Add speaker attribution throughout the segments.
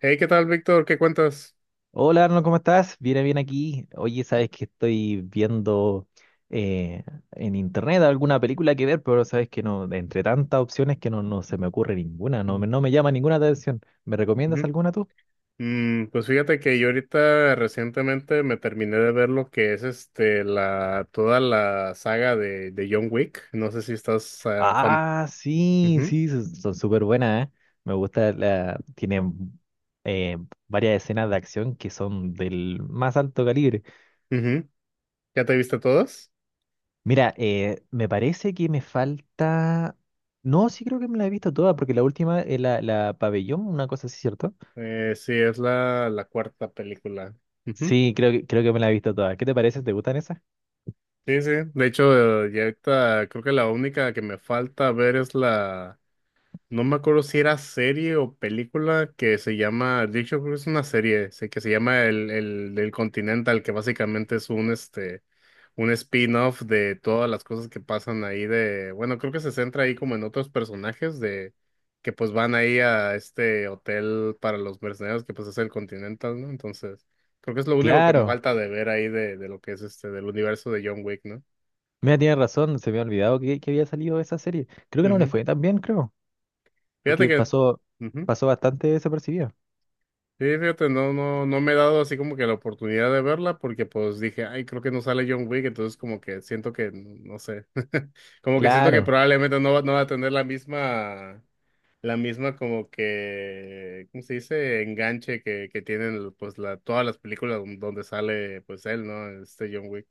Speaker 1: Hey, ¿qué tal, Víctor? ¿Qué cuentas?
Speaker 2: Hola Arno, ¿cómo estás? Bien, bien aquí. Oye, sabes que estoy viendo eh, en internet alguna película que ver, pero sabes que no, entre tantas opciones que no, se me ocurre ninguna, no,
Speaker 1: Mm,
Speaker 2: no me llama ninguna atención. ¿Me recomiendas
Speaker 1: ujú.
Speaker 2: alguna tú?
Speaker 1: Pues fíjate que yo ahorita recientemente me terminé de ver lo que es la toda la saga de John Wick. No sé si estás fam.
Speaker 2: Ah, sí,
Speaker 1: Ujú,
Speaker 2: sí, son súper buenas, ¿eh? Me gusta la, tienen eh, varias escenas de acción que son del más alto calibre.
Speaker 1: ujú. ¿Ya te viste todas?
Speaker 2: Mira, me parece que me falta. No, sí creo que me la he visto toda, porque la última es la pabellón, una cosa así, ¿cierto?
Speaker 1: Sí, es la cuarta película. Ujú.
Speaker 2: Sí, creo que me la he visto toda. ¿Qué te parece? ¿Te gustan esas?
Speaker 1: Sí, sí. De hecho, ya ahorita creo que la única que me falta ver es la. No me acuerdo si era serie o película que se llama, de hecho creo que es una serie, sé que se llama el Continental, que básicamente es un spin-off de todas las cosas que pasan ahí de, bueno, creo que se centra ahí como en otros personajes de que pues van ahí a este hotel para los mercenarios que pues es el Continental, ¿no? Entonces, creo que es lo único que me
Speaker 2: Claro.
Speaker 1: falta de ver ahí de lo que es del universo de John Wick, ¿no?
Speaker 2: Mira, tienes razón, se me ha olvidado que había salido esa serie. Creo que no le
Speaker 1: Ujú.
Speaker 2: fue tan bien, creo,
Speaker 1: Fíjate
Speaker 2: porque
Speaker 1: que
Speaker 2: pasó,
Speaker 1: ujú.
Speaker 2: pasó bastante desapercibida.
Speaker 1: Sí, fíjate, no, no, no me he dado así como que la oportunidad de verla porque pues dije, ay, creo que no sale John Wick, entonces como que siento que, no sé, como que siento que
Speaker 2: Claro.
Speaker 1: probablemente no va, no va a tener la misma como que, ¿cómo se dice? Enganche que tienen pues todas las películas donde sale pues él, ¿no? Este John Wick.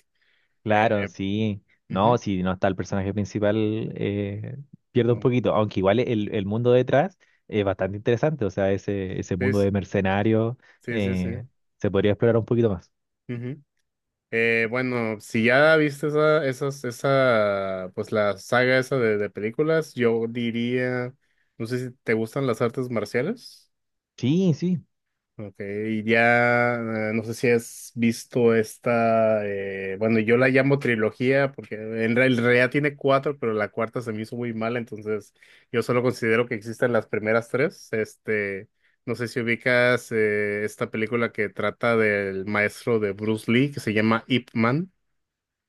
Speaker 2: Claro,
Speaker 1: Eh,
Speaker 2: sí.
Speaker 1: Ujú,
Speaker 2: No, si no está el personaje principal, eh, pierde un
Speaker 1: mm,
Speaker 2: poquito. Aunque igual el mundo detrás es bastante interesante. O sea, ese
Speaker 1: sí,
Speaker 2: mundo
Speaker 1: sí,
Speaker 2: de mercenarios
Speaker 1: sí, sí.
Speaker 2: eh, se podría explorar un poquito más.
Speaker 1: Ujú. Bueno, si ya viste esa, esas, esa, pues la saga esa de películas, yo diría, no sé si te gustan las artes marciales,
Speaker 2: Sí, sí.
Speaker 1: ok, y ya, no sé si has visto esta, bueno, yo la llamo trilogía, porque en realidad tiene cuatro, pero la cuarta se me hizo muy mala, entonces yo solo considero que existen las primeras tres, no sé si ubicas, esta película que trata del maestro de Bruce Lee, que se llama Ip Man.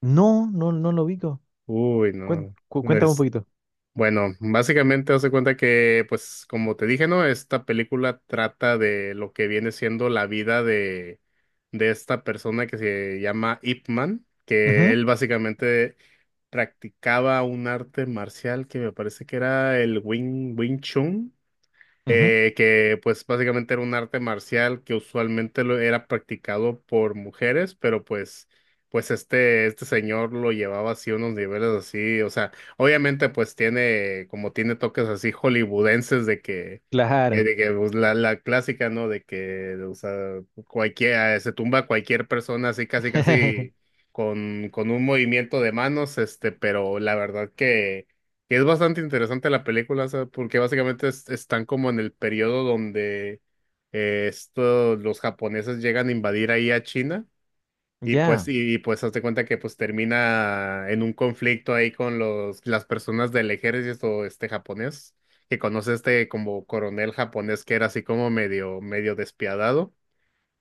Speaker 2: No, no, no lo ubico.
Speaker 1: Uy, no.
Speaker 2: Cuéntame un
Speaker 1: Es,
Speaker 2: poquito.
Speaker 1: bueno, básicamente hace cuenta que, pues, como te dije, ¿no? Esta película trata de lo que viene siendo la vida de esta persona que se llama Ip Man, que
Speaker 2: Ujú,
Speaker 1: él básicamente practicaba un arte marcial que me parece que era el Wing Chun,
Speaker 2: ujú.
Speaker 1: que pues básicamente era un arte marcial que usualmente lo era practicado por mujeres, pero pues, pues este señor lo llevaba así a unos niveles así, o sea, obviamente pues tiene, como tiene toques así hollywoodenses
Speaker 2: Claro.
Speaker 1: de que pues, la clásica, ¿no? De que, o sea, cualquiera, se tumba a cualquier persona así casi casi con un movimiento de manos, pero la verdad que es bastante interesante la película, o sea, porque básicamente están como en el periodo donde los japoneses llegan a invadir ahí a China y pues
Speaker 2: Ya,
Speaker 1: pues hazte cuenta que pues termina en un conflicto ahí con los las personas del ejército japonés que conoce como coronel japonés que era así como medio medio despiadado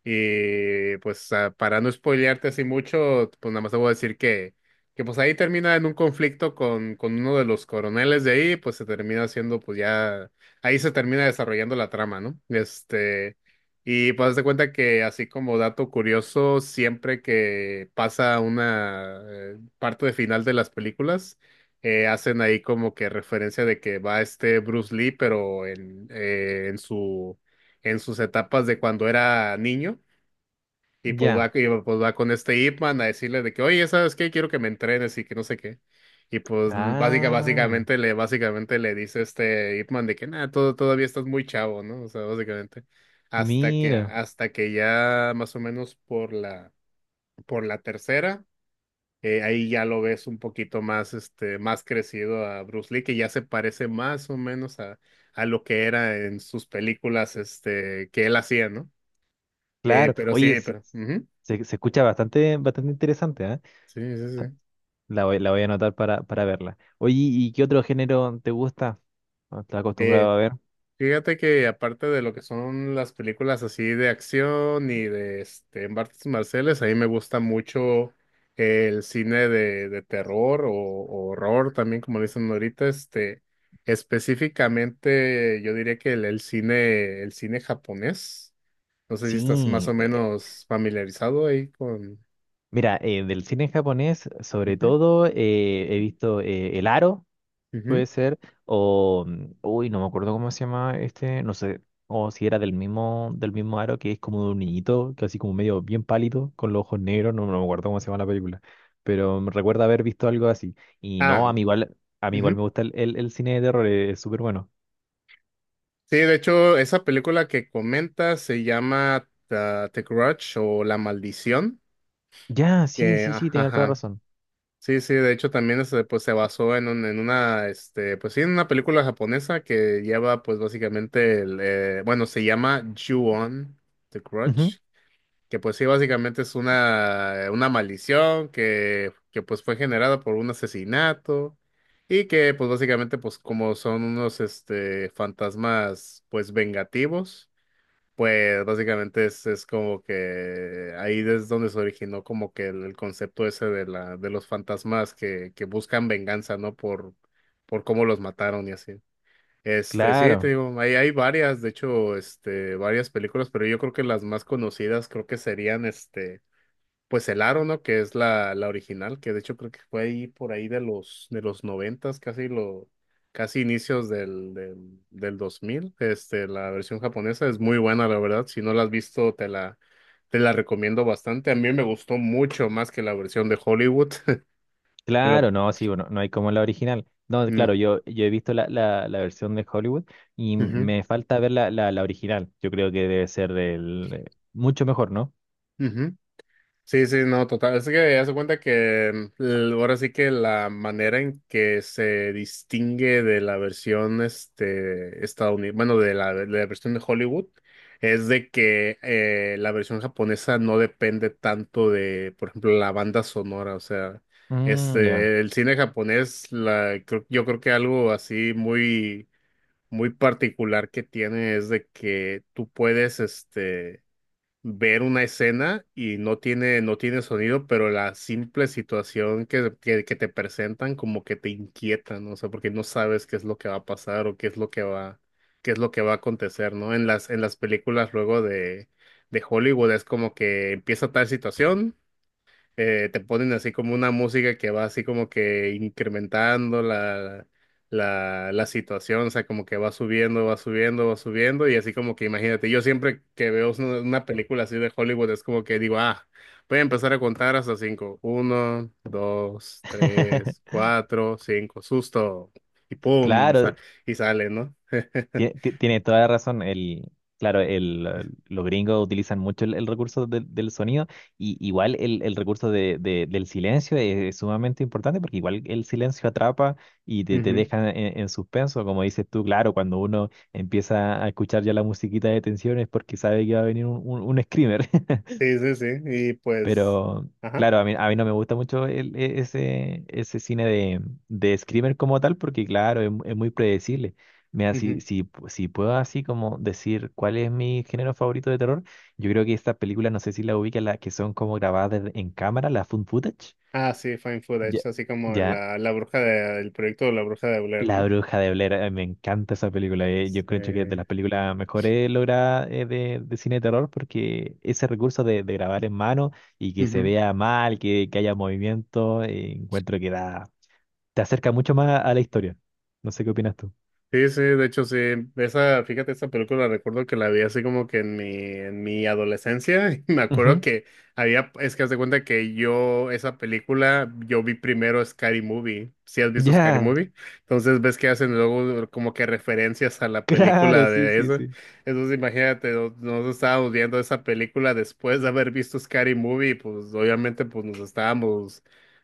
Speaker 1: y pues para no spoilearte así mucho, pues nada más te voy a decir que pues ahí termina en un conflicto con uno de los coroneles de ahí, pues se termina haciendo, pues ya, ahí se termina desarrollando la trama, ¿no? Y pues haz de cuenta que así como dato curioso, siempre que pasa una parte de final de las películas, hacen ahí como que referencia de que va este Bruce Lee, pero en su, en sus etapas de cuando era niño
Speaker 2: ya.
Speaker 1: y pues va con este Ip Man a decirle de que, oye, ¿sabes qué? Quiero que me entrenes y que no sé qué. Y pues básica,
Speaker 2: Ah,
Speaker 1: básicamente le, básicamente le dice este Ip Man de que nada, todo, todavía estás muy chavo, ¿no? O sea, básicamente. Hasta que,
Speaker 2: mira.
Speaker 1: hasta que ya más o menos por la tercera, ahí ya lo ves un poquito más, más crecido a Bruce Lee, que ya se parece más o menos a lo que era en sus películas, que él hacía, ¿no?
Speaker 2: Claro.
Speaker 1: Pero sí,
Speaker 2: Oye,
Speaker 1: pero. Ujú.
Speaker 2: se escucha bastante, bastante interesante, ¿ah?
Speaker 1: Sí, sí, sí.
Speaker 2: La voy a anotar para verla. Oye, ¿y qué otro género te gusta? ¿O ¿Estás
Speaker 1: Eh,
Speaker 2: acostumbrado a ver?
Speaker 1: Fíjate que aparte de lo que son las películas así de acción y de artes marciales, a mí me gusta mucho el cine de terror o horror también, como le dicen ahorita, específicamente yo diría que el cine japonés. No sé si estás más o
Speaker 2: Sí,
Speaker 1: menos familiarizado ahí con.
Speaker 2: mira, del cine japonés, sobre
Speaker 1: Ujú,
Speaker 2: todo, he visto El Aro, puede
Speaker 1: ujú.
Speaker 2: ser, o, uy, no me acuerdo cómo se llama este, no sé, o si era del mismo Aro, que es como de un niñito, que así como medio bien pálido, con los ojos negros, no, no me acuerdo cómo se llama la película, pero me recuerda haber visto algo así. Y
Speaker 1: Ah,
Speaker 2: no, a mí igual me
Speaker 1: ujú.
Speaker 2: gusta el cine de terror, es súper bueno.
Speaker 1: Sí, de hecho, esa película que comentas se llama, The Grudge o La Maldición.
Speaker 2: Ya, sí,
Speaker 1: Que,
Speaker 2: sí, sí, tienes toda
Speaker 1: ajá.
Speaker 2: razón.
Speaker 1: Sí, sí, de hecho también pues, se basó en, en una, pues sí, en una película japonesa que lleva, pues básicamente, bueno, se llama Ju-on, The
Speaker 2: Ujú.
Speaker 1: Crutch, que pues sí, básicamente es una maldición que pues fue generada por un asesinato y que pues básicamente, pues como son unos, fantasmas, pues vengativos. Pues básicamente es como que ahí es donde se originó como que el concepto ese de la, de los fantasmas que buscan venganza, ¿no? Por cómo los mataron y así. Sí, te
Speaker 2: Claro,
Speaker 1: digo, hay varias, de hecho, varias películas, pero yo creo que las más conocidas creo que serían pues el aro, ¿no? Que es la original, que de hecho creo que fue ahí por ahí de los noventas, casi inicios del dos mil. La versión japonesa es muy buena, la verdad. Si no la has visto, te la recomiendo bastante. A mí me gustó mucho más que la versión de Hollywood. Lo-
Speaker 2: claro, no, sí, bueno, no hay como la original. No,
Speaker 1: Mm,
Speaker 2: claro, yo he visto la versión de Hollywood y
Speaker 1: ujú,
Speaker 2: me falta ver la original. Yo creo que debe ser del, mucho mejor, ¿no?
Speaker 1: ujú. Sí, sí, no, total. Es que ya se cuenta que mm, ahora sí que la manera en que se distingue de la versión estadounidense, bueno, de la versión de Hollywood, es de que la versión japonesa no depende tanto de, por ejemplo, la banda sonora. O sea,
Speaker 2: Mm, ya.
Speaker 1: el cine japonés, yo creo que algo así muy, muy particular que tiene es de que tú puedes, ver una escena y no tiene sonido, pero la simple situación que te presentan como que te inquieta, ¿no? O sea, porque no sabes qué es lo que va a pasar o qué es lo que va a acontecer, ¿no? En las películas luego de Hollywood es como que empieza tal situación, te ponen así como una música que va así como que incrementando la situación, o sea, como que va subiendo, va subiendo, va subiendo, y así como que imagínate, yo siempre que veo una película así de Hollywood es como que digo, ah, voy a empezar a contar hasta cinco, uno, dos, tres, cuatro, cinco, susto, y pum,
Speaker 2: Claro.
Speaker 1: y sale, ¿no?
Speaker 2: Tiene toda la razón. El, claro, el, los gringos utilizan mucho el recurso del sonido y igual el recurso de, del silencio es sumamente importante porque igual el silencio atrapa y te
Speaker 1: Ujú.
Speaker 2: deja en suspenso, como dices tú, claro, cuando uno empieza a escuchar ya la musiquita de tensión es porque sabe que va a venir un screamer.
Speaker 1: Sí, sí, sí, y pues,
Speaker 2: Pero
Speaker 1: ajá.
Speaker 2: claro, a mí no me gusta mucho ese, ese cine de Screamer como tal, porque claro, es, es muy predecible. Mira, si puedo así como decir cuál es mi género favorito de terror, yo creo que estas películas, no sé si la ubican, las que son como grabadas en cámara, la found footage.
Speaker 1: Ah, sí, Fine
Speaker 2: Ya,
Speaker 1: Footage, así como
Speaker 2: ya,
Speaker 1: la bruja del proyecto de la bruja de Blair,
Speaker 2: la
Speaker 1: ¿no?
Speaker 2: Bruja de Blair, me encanta esa película. Yo creo que es de
Speaker 1: Sí.
Speaker 2: las películas mejores logradas de cine de terror porque ese recurso de grabar en mano y que se
Speaker 1: Ujú.
Speaker 2: vea mal, que haya movimiento, encuentro te acerca mucho más a la historia. No sé qué opinas tú.
Speaker 1: Sí, sí, de hecho sí, esa, fíjate, esa película recuerdo que la vi así como que en mi adolescencia, y me acuerdo
Speaker 2: Ujú.
Speaker 1: que había, es que haz de cuenta que yo, esa película, yo vi primero Scary Movie, si has visto Scary
Speaker 2: Ya,
Speaker 1: Movie, entonces ves que hacen luego como que referencias a la
Speaker 2: claro,
Speaker 1: película
Speaker 2: sí,
Speaker 1: de
Speaker 2: sí,
Speaker 1: eso,
Speaker 2: sí.
Speaker 1: entonces imagínate, nosotros estábamos viendo esa película después de haber visto Scary Movie, pues obviamente pues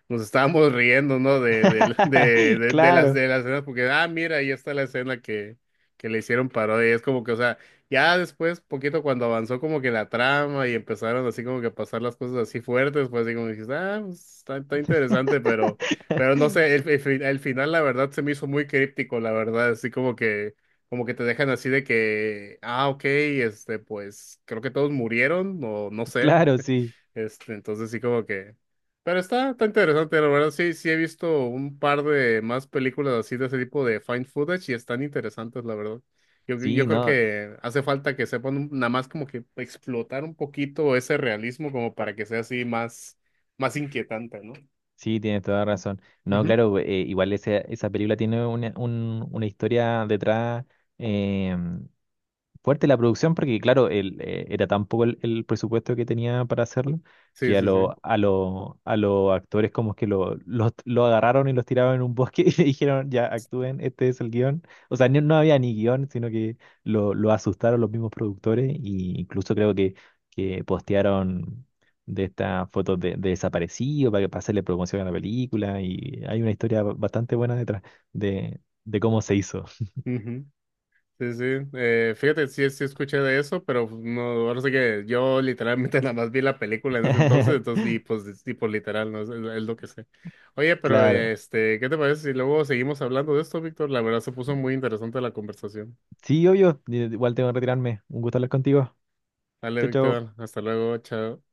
Speaker 1: nos estábamos riendo, ¿no? De, del-
Speaker 2: Claro.
Speaker 1: de las escenas, porque, mira, ahí está la escena que le hicieron parodia. Y es como que, o sea, ya después, poquito cuando avanzó como que la trama y empezaron así como que a pasar las cosas así fuertes, pues así como dijiste, pues, está interesante, pero no sé, el final, la verdad, se me hizo muy críptico, la verdad, así como que te dejan así de que, ok, pues creo que todos murieron, o no sé.
Speaker 2: Claro, sí.
Speaker 1: Entonces sí como que, pero está interesante, la verdad. Sí, sí he visto un par de más películas así de ese tipo de find footage y están interesantes, la verdad. Yo
Speaker 2: Sí,
Speaker 1: creo
Speaker 2: no,
Speaker 1: que hace falta que sepan nada más como que explotar un poquito ese realismo como para que sea así más, más inquietante, ¿no?
Speaker 2: sí, tienes toda la razón. No,
Speaker 1: Ujú.
Speaker 2: claro, igual esa, esa película tiene una, una historia detrás, em, fuerte la producción porque, claro, el, era tan poco el presupuesto que tenía para hacerlo
Speaker 1: Sí,
Speaker 2: que
Speaker 1: sí, sí.
Speaker 2: a los actores como que lo agarraron y los tiraron en un bosque y le dijeron, ya, actúen, este es el guión. O sea, no, no había ni guión, sino que lo asustaron los mismos productores e incluso creo que postearon de estas fotos de desaparecido para, para hacerle promoción a la película y hay una historia bastante buena detrás de cómo se hizo.
Speaker 1: Ujú. Sí, sí. Fíjate, sí, sí escuché de eso, pero pues, no, ahora sí que yo literalmente nada más vi la película en ese entonces, entonces, y pues, es tipo literal, ¿no? Es lo que sé. Oye, pero
Speaker 2: Claro.
Speaker 1: ¿qué te parece si luego seguimos hablando de esto, Víctor? La verdad se puso muy interesante la conversación.
Speaker 2: Sí, obvio. Igual tengo que retirarme. Un gusto hablar contigo.
Speaker 1: Dale,
Speaker 2: Chao, chao.
Speaker 1: Víctor, hasta luego, chao.